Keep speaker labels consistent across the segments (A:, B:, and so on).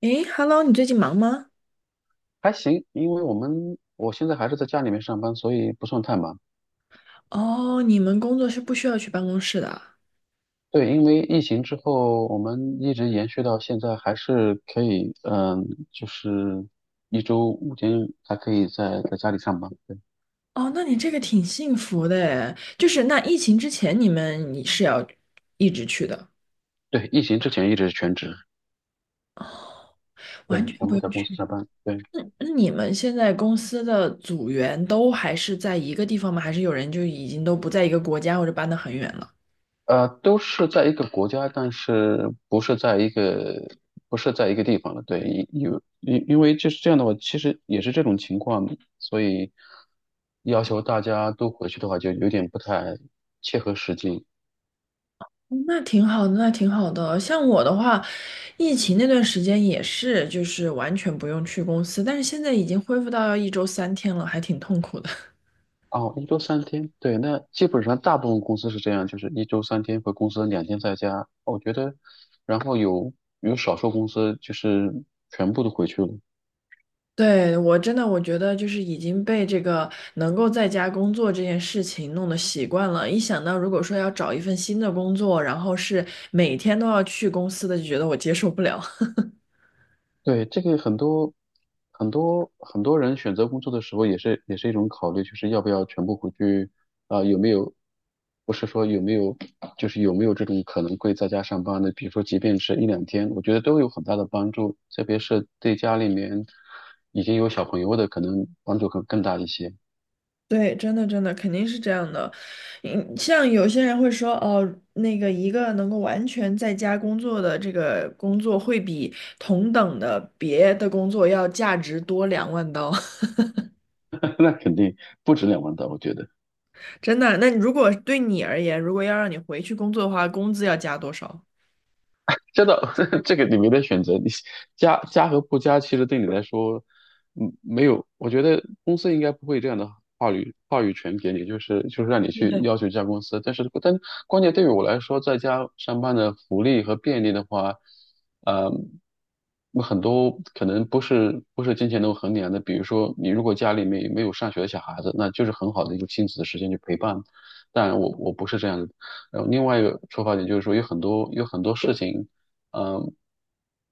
A: 诶，Hello，你最近忙吗？
B: 还行，因为我现在还是在家里面上班，所以不算太忙。
A: 哦，你们工作是不需要去办公室的啊
B: 对，因为疫情之后，我们一直延续到现在，还是可以，就是一周5天还可以在家里上班。对，
A: 哦，那你这个挺幸福的诶，就是那疫情之前你是要一直去的，
B: 对，疫情之前一直是全职，
A: 完
B: 对，
A: 全
B: 全
A: 不
B: 部在
A: 用
B: 公司
A: 去。
B: 上班。对。
A: 那你们现在公司的组员都还是在一个地方吗？还是有人就已经都不在一个国家或者搬得很远了？
B: 都是在一个国家，但是不是在一个地方的。对，因为就是这样的话，其实也是这种情况，所以要求大家都回去的话，就有点不太切合实际。
A: 那挺好的，那挺好的。像我的话，疫情那段时间也是，就是完全不用去公司，但是现在已经恢复到要一周三天了，还挺痛苦的。
B: 哦，一周三天，对，那基本上大部分公司是这样，就是一周三天回公司，两天在家。我觉得，然后有少数公司就是全部都回去了。
A: 对，我真的我觉得就是已经被这个能够在家工作这件事情弄得习惯了，一想到如果说要找一份新的工作，然后是每天都要去公司的，就觉得我接受不了。
B: 对，这个很多很多很多人选择工作的时候，也是一种考虑，就是要不要全部回去啊、有没有不是说有没有，就是有没有这种可能会在家上班的？比如说，即便是一两天，我觉得都有很大的帮助，特别是对家里面已经有小朋友的，可能帮助更大一些。
A: 对，真的真的肯定是这样的。嗯，像有些人会说，哦，那个一个能够完全在家工作的这个工作，会比同等的别的工作要价值多2万刀。
B: 那肯定不止2万刀，我觉得。
A: 真的，那如果对你而言，如果要让你回去工作的话，工资要加多少？
B: 真的，这个你没得选择，你加和不加，其实对你来说，没有，我觉得公司应该不会这样的话语权给你，就是让你
A: 对
B: 去
A: 对。
B: 要求加公司，但是关键对于我来说，在家上班的福利和便利的话，呃，很多可能不是金钱能衡量的，比如说你如果家里面没有上学的小孩子，那就是很好的一个亲子的时间去陪伴，但我不是这样的。然后另外一个出发点就是说，有很多事情，嗯，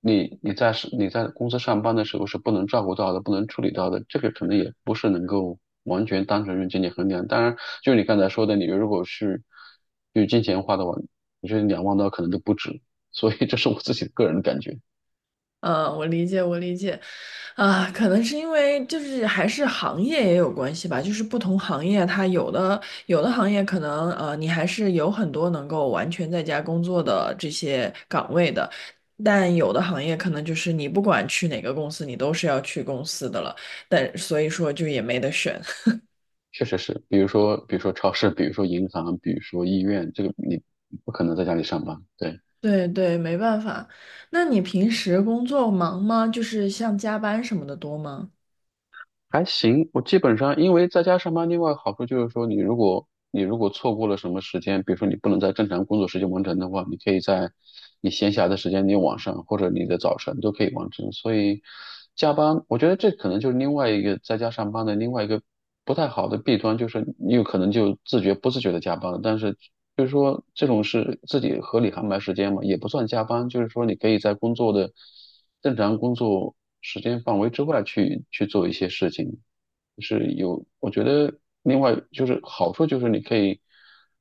B: 你在公司上班的时候是不能照顾到的，不能处理到的，这个可能也不是能够完全单纯用金钱衡量。当然，就你刚才说的，你如果是用金钱花的话，我觉得两万刀可能都不止。所以这是我自己的个人感觉，
A: 嗯，我理解，我理解，啊，可能是因为就是还是行业也有关系吧，就是不同行业它有的行业可能你还是有很多能够完全在家工作的这些岗位的，但有的行业可能就是你不管去哪个公司，你都是要去公司的了，但所以说就也没得选。
B: 确实是，比如说超市，比如说银行，比如说医院，这个你不可能在家里上班，对。
A: 对对，没办法。那你平时工作忙吗？就是像加班什么的多吗？
B: 还行，我基本上因为在家上班，另外好处就是说，你如果错过了什么时间，比如说你不能在正常工作时间完成的话，你可以在你闲暇的时间，你晚上或者你的早晨都可以完成。所以加班，我觉得这可能就是另外一个在家上班的另外一个不太好的弊端，就是你有可能就自觉不自觉的加班了，但是就是说这种是自己合理安排时间嘛，也不算加班，就是说你可以在工作的。正常工作时间范围之外去做一些事情，就是有，我觉得另外就是好处就是你可以，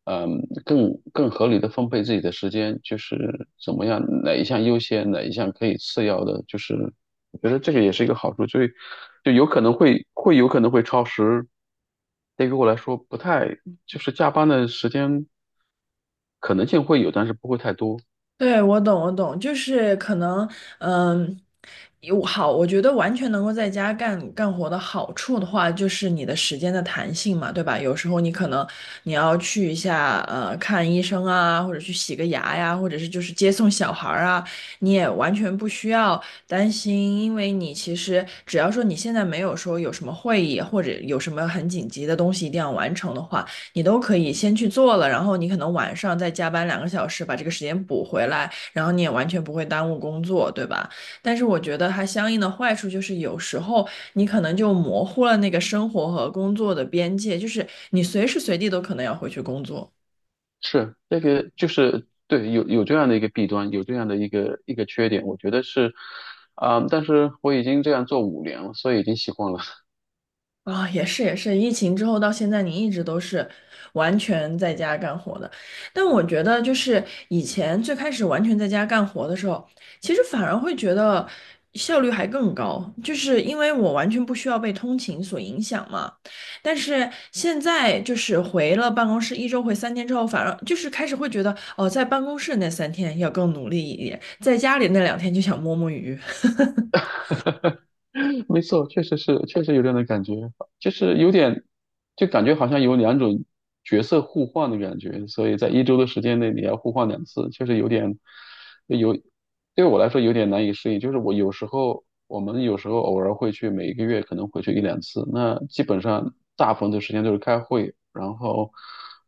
B: 更合理的分配自己的时间，就是怎么样哪一项优先，哪一项可以次要的，就是我觉得这个也是一个好处，所以就有可能会有可能会超时，对于我来说不太就是加班的时间可能性会有，但是不会太多。
A: 对，我懂，我懂，就是可能，嗯，有好，我觉得完全能够在家干活的好处的话，就是你的时间的弹性嘛，对吧？有时候你可能你要去一下，看医生啊，或者去洗个牙呀，或者是就是接送小孩儿啊，你也完全不需要担心，因为你其实只要说你现在没有说有什么会议或者有什么很紧急的东西一定要完成的话。你都可以先去做了，然后你可能晚上再加班2个小时把这个时间补回来，然后你也完全不会耽误工作，对吧？但是我觉得它相应的坏处就是有时候你可能就模糊了那个生活和工作的边界，就是你随时随地都可能要回去工作。
B: 是那个，就是对，有这样的一个弊端，有这样的一个缺点，我觉得是，但是我已经这样做5年了，所以已经习惯了。
A: 啊、也是也是，疫情之后到现在，你一直都是完全在家干活的。但我觉得，就是以前最开始完全在家干活的时候，其实反而会觉得效率还更高，就是因为我完全不需要被通勤所影响嘛。但是现在就是回了办公室，一周回三天之后，反而就是开始会觉得，哦，在办公室那三天要更努力一点，在家里那2天就想摸摸鱼。
B: 没错，确实是，确实有这样的感觉，就是有点，就感觉好像有两种角色互换的感觉，所以在一周的时间内你要互换两次，确实有点，有，对我来说有点难以适应。就是我们有时候偶尔会去，每一个月可能回去一两次，那基本上大部分的时间都是开会，然后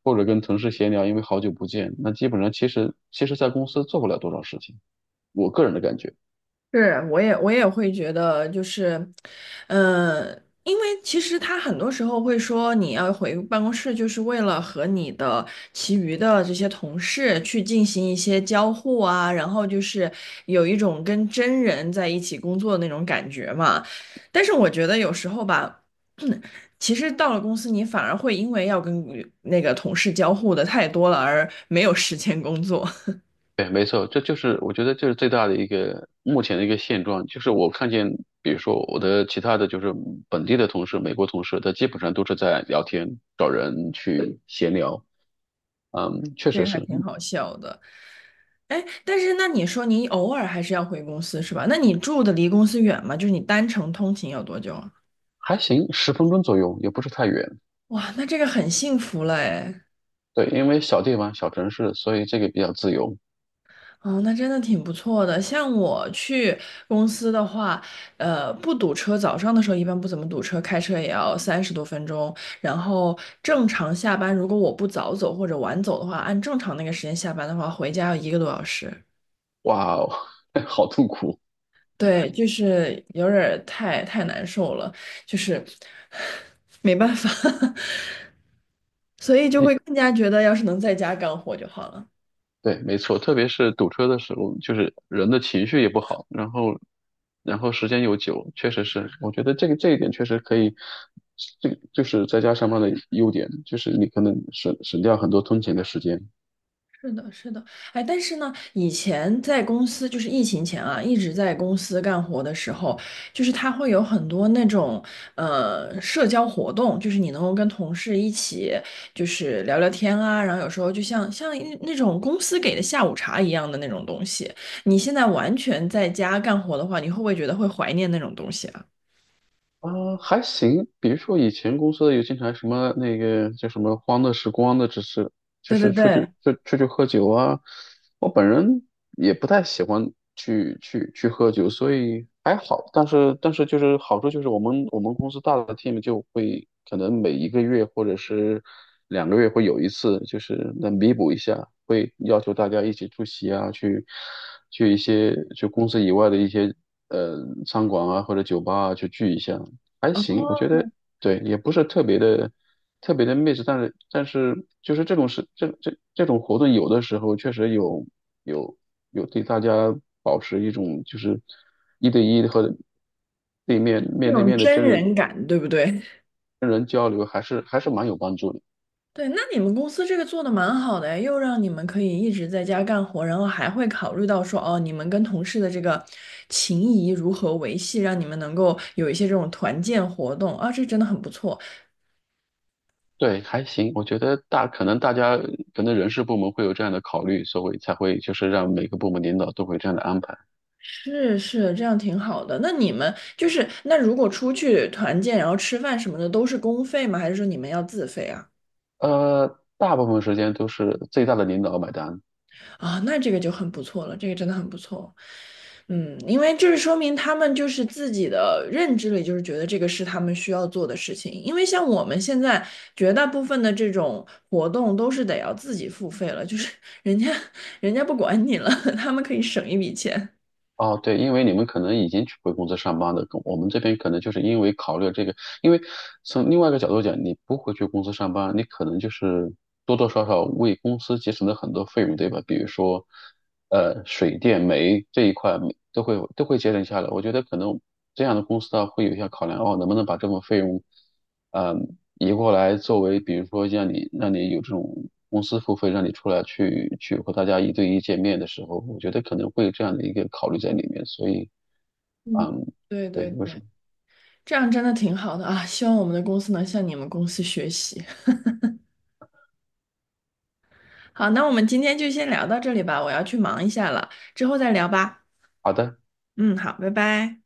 B: 或者跟同事闲聊，因为好久不见，那基本上其实在公司做不了多少事情，我个人的感觉。
A: 是，我也会觉得，就是，呃，因为其实他很多时候会说，你要回办公室，就是为了和你的其余的这些同事去进行一些交互啊，然后就是有一种跟真人在一起工作的那种感觉嘛。但是我觉得有时候吧，其实到了公司，你反而会因为要跟那个同事交互的太多了，而没有时间工作，
B: 对，没错，这就是我觉得这是最大的一个目前的一个现状，就是我看见，比如说我的其他的就是本地的同事、美国同事，他基本上都是在聊天、找人去闲聊，确
A: 这
B: 实
A: 个还
B: 是。
A: 挺好笑的。哎，但是那你说你偶尔还是要回公司是吧？那你住的离公司远吗？就是你单程通勤有多久啊？
B: 还行，10分钟左右，也不是太远。
A: 哇，那这个很幸福了哎。
B: 对，因为小地方、小城市，所以这个比较自由。
A: 哦，那真的挺不错的。像我去公司的话，不堵车，早上的时候一般不怎么堵车，开车也要30多分钟。然后正常下班，如果我不早走或者晚走的话，按正常那个时间下班的话，回家要一个多小时。
B: 哇哦，好痛苦。
A: 对，就是有点儿太难受了，就是没办法，所以就会更加觉得要是能在家干活就好了。
B: 对，没错，特别是堵车的时候，就是人的情绪也不好，然后，时间又久，确实是，我觉得这一点确实可以，这就是在家上班的优点，就是你可能省掉很多通勤的时间。
A: 是的，是的，哎，但是呢，以前在公司，就是疫情前啊，一直在公司干活的时候，就是他会有很多那种社交活动，就是你能够跟同事一起就是聊聊天啊，然后有时候就像一那种公司给的下午茶一样的那种东西。你现在完全在家干活的话，你会不会觉得会怀念那种东西啊？
B: 啊，还行。比如说以前公司有经常什么那个叫什么"欢乐时光"的，只是就
A: 对对
B: 是出去
A: 对，
B: 就出去喝酒啊。我本人也不太喜欢去喝酒，所以还好。但是就是好处就是我们公司大的 team 就会可能每一个月或者是2个月会有一次，就是能弥补一下，会要求大家一起出席啊，去一些就公司以外的一些呃餐馆啊或者酒吧啊去聚一下。还行，我觉
A: 哦，
B: 得对，也不是特别的 但是就是这种事，这种活动有的时候确实有有对大家保持一种就是一对一的和对面
A: 那
B: 面对
A: 种
B: 面的
A: 真
B: 真人
A: 人感，对不对？
B: 真人交流，还是蛮有帮助的。
A: 对，那你们公司这个做的蛮好的诶，又让你们可以一直在家干活，然后还会考虑到说，哦，你们跟同事的这个情谊如何维系，让你们能够有一些这种团建活动啊，这真的很不错。
B: 对，还行，我觉得可能大家可能人事部门会有这样的考虑，所以才会就是让每个部门领导都会这样的安排。
A: 是是，这样挺好的。那你们就是，那如果出去团建，然后吃饭什么的，都是公费吗？还是说你们要自费啊？
B: 大部分时间都是最大的领导买单。
A: 啊，那这个就很不错了，这个真的很不错。嗯，因为这是说明他们就是自己的认知里，就是觉得这个是他们需要做的事情。因为像我们现在绝大部分的这种活动都是得要自己付费了，就是 人家人家不管你了，他们可以省一笔钱。
B: 哦，对，因为你们可能已经回公司上班的，我们这边可能就是因为考虑这个，因为从另外一个角度讲，你不回去公司上班，你可能就是多多少少为公司节省了很多费用，对吧？比如说，水电煤这一块都会节省下来。我觉得可能这样的公司啊，会有一些考量，哦，能不能把这份费用移过来作为，比如说让你有这种公司付费，让你出来去和大家一对一见面的时候，我觉得可能会有这样的一个考虑在里面，所以
A: 嗯，
B: 嗯，
A: 对对
B: 对，为什
A: 对，
B: 么？
A: 这样真的挺好的啊！希望我们的公司能向你们公司学习。好，那我们今天就先聊到这里吧，我要去忙一下了，之后再聊吧。
B: 好的。
A: 嗯，好，拜拜。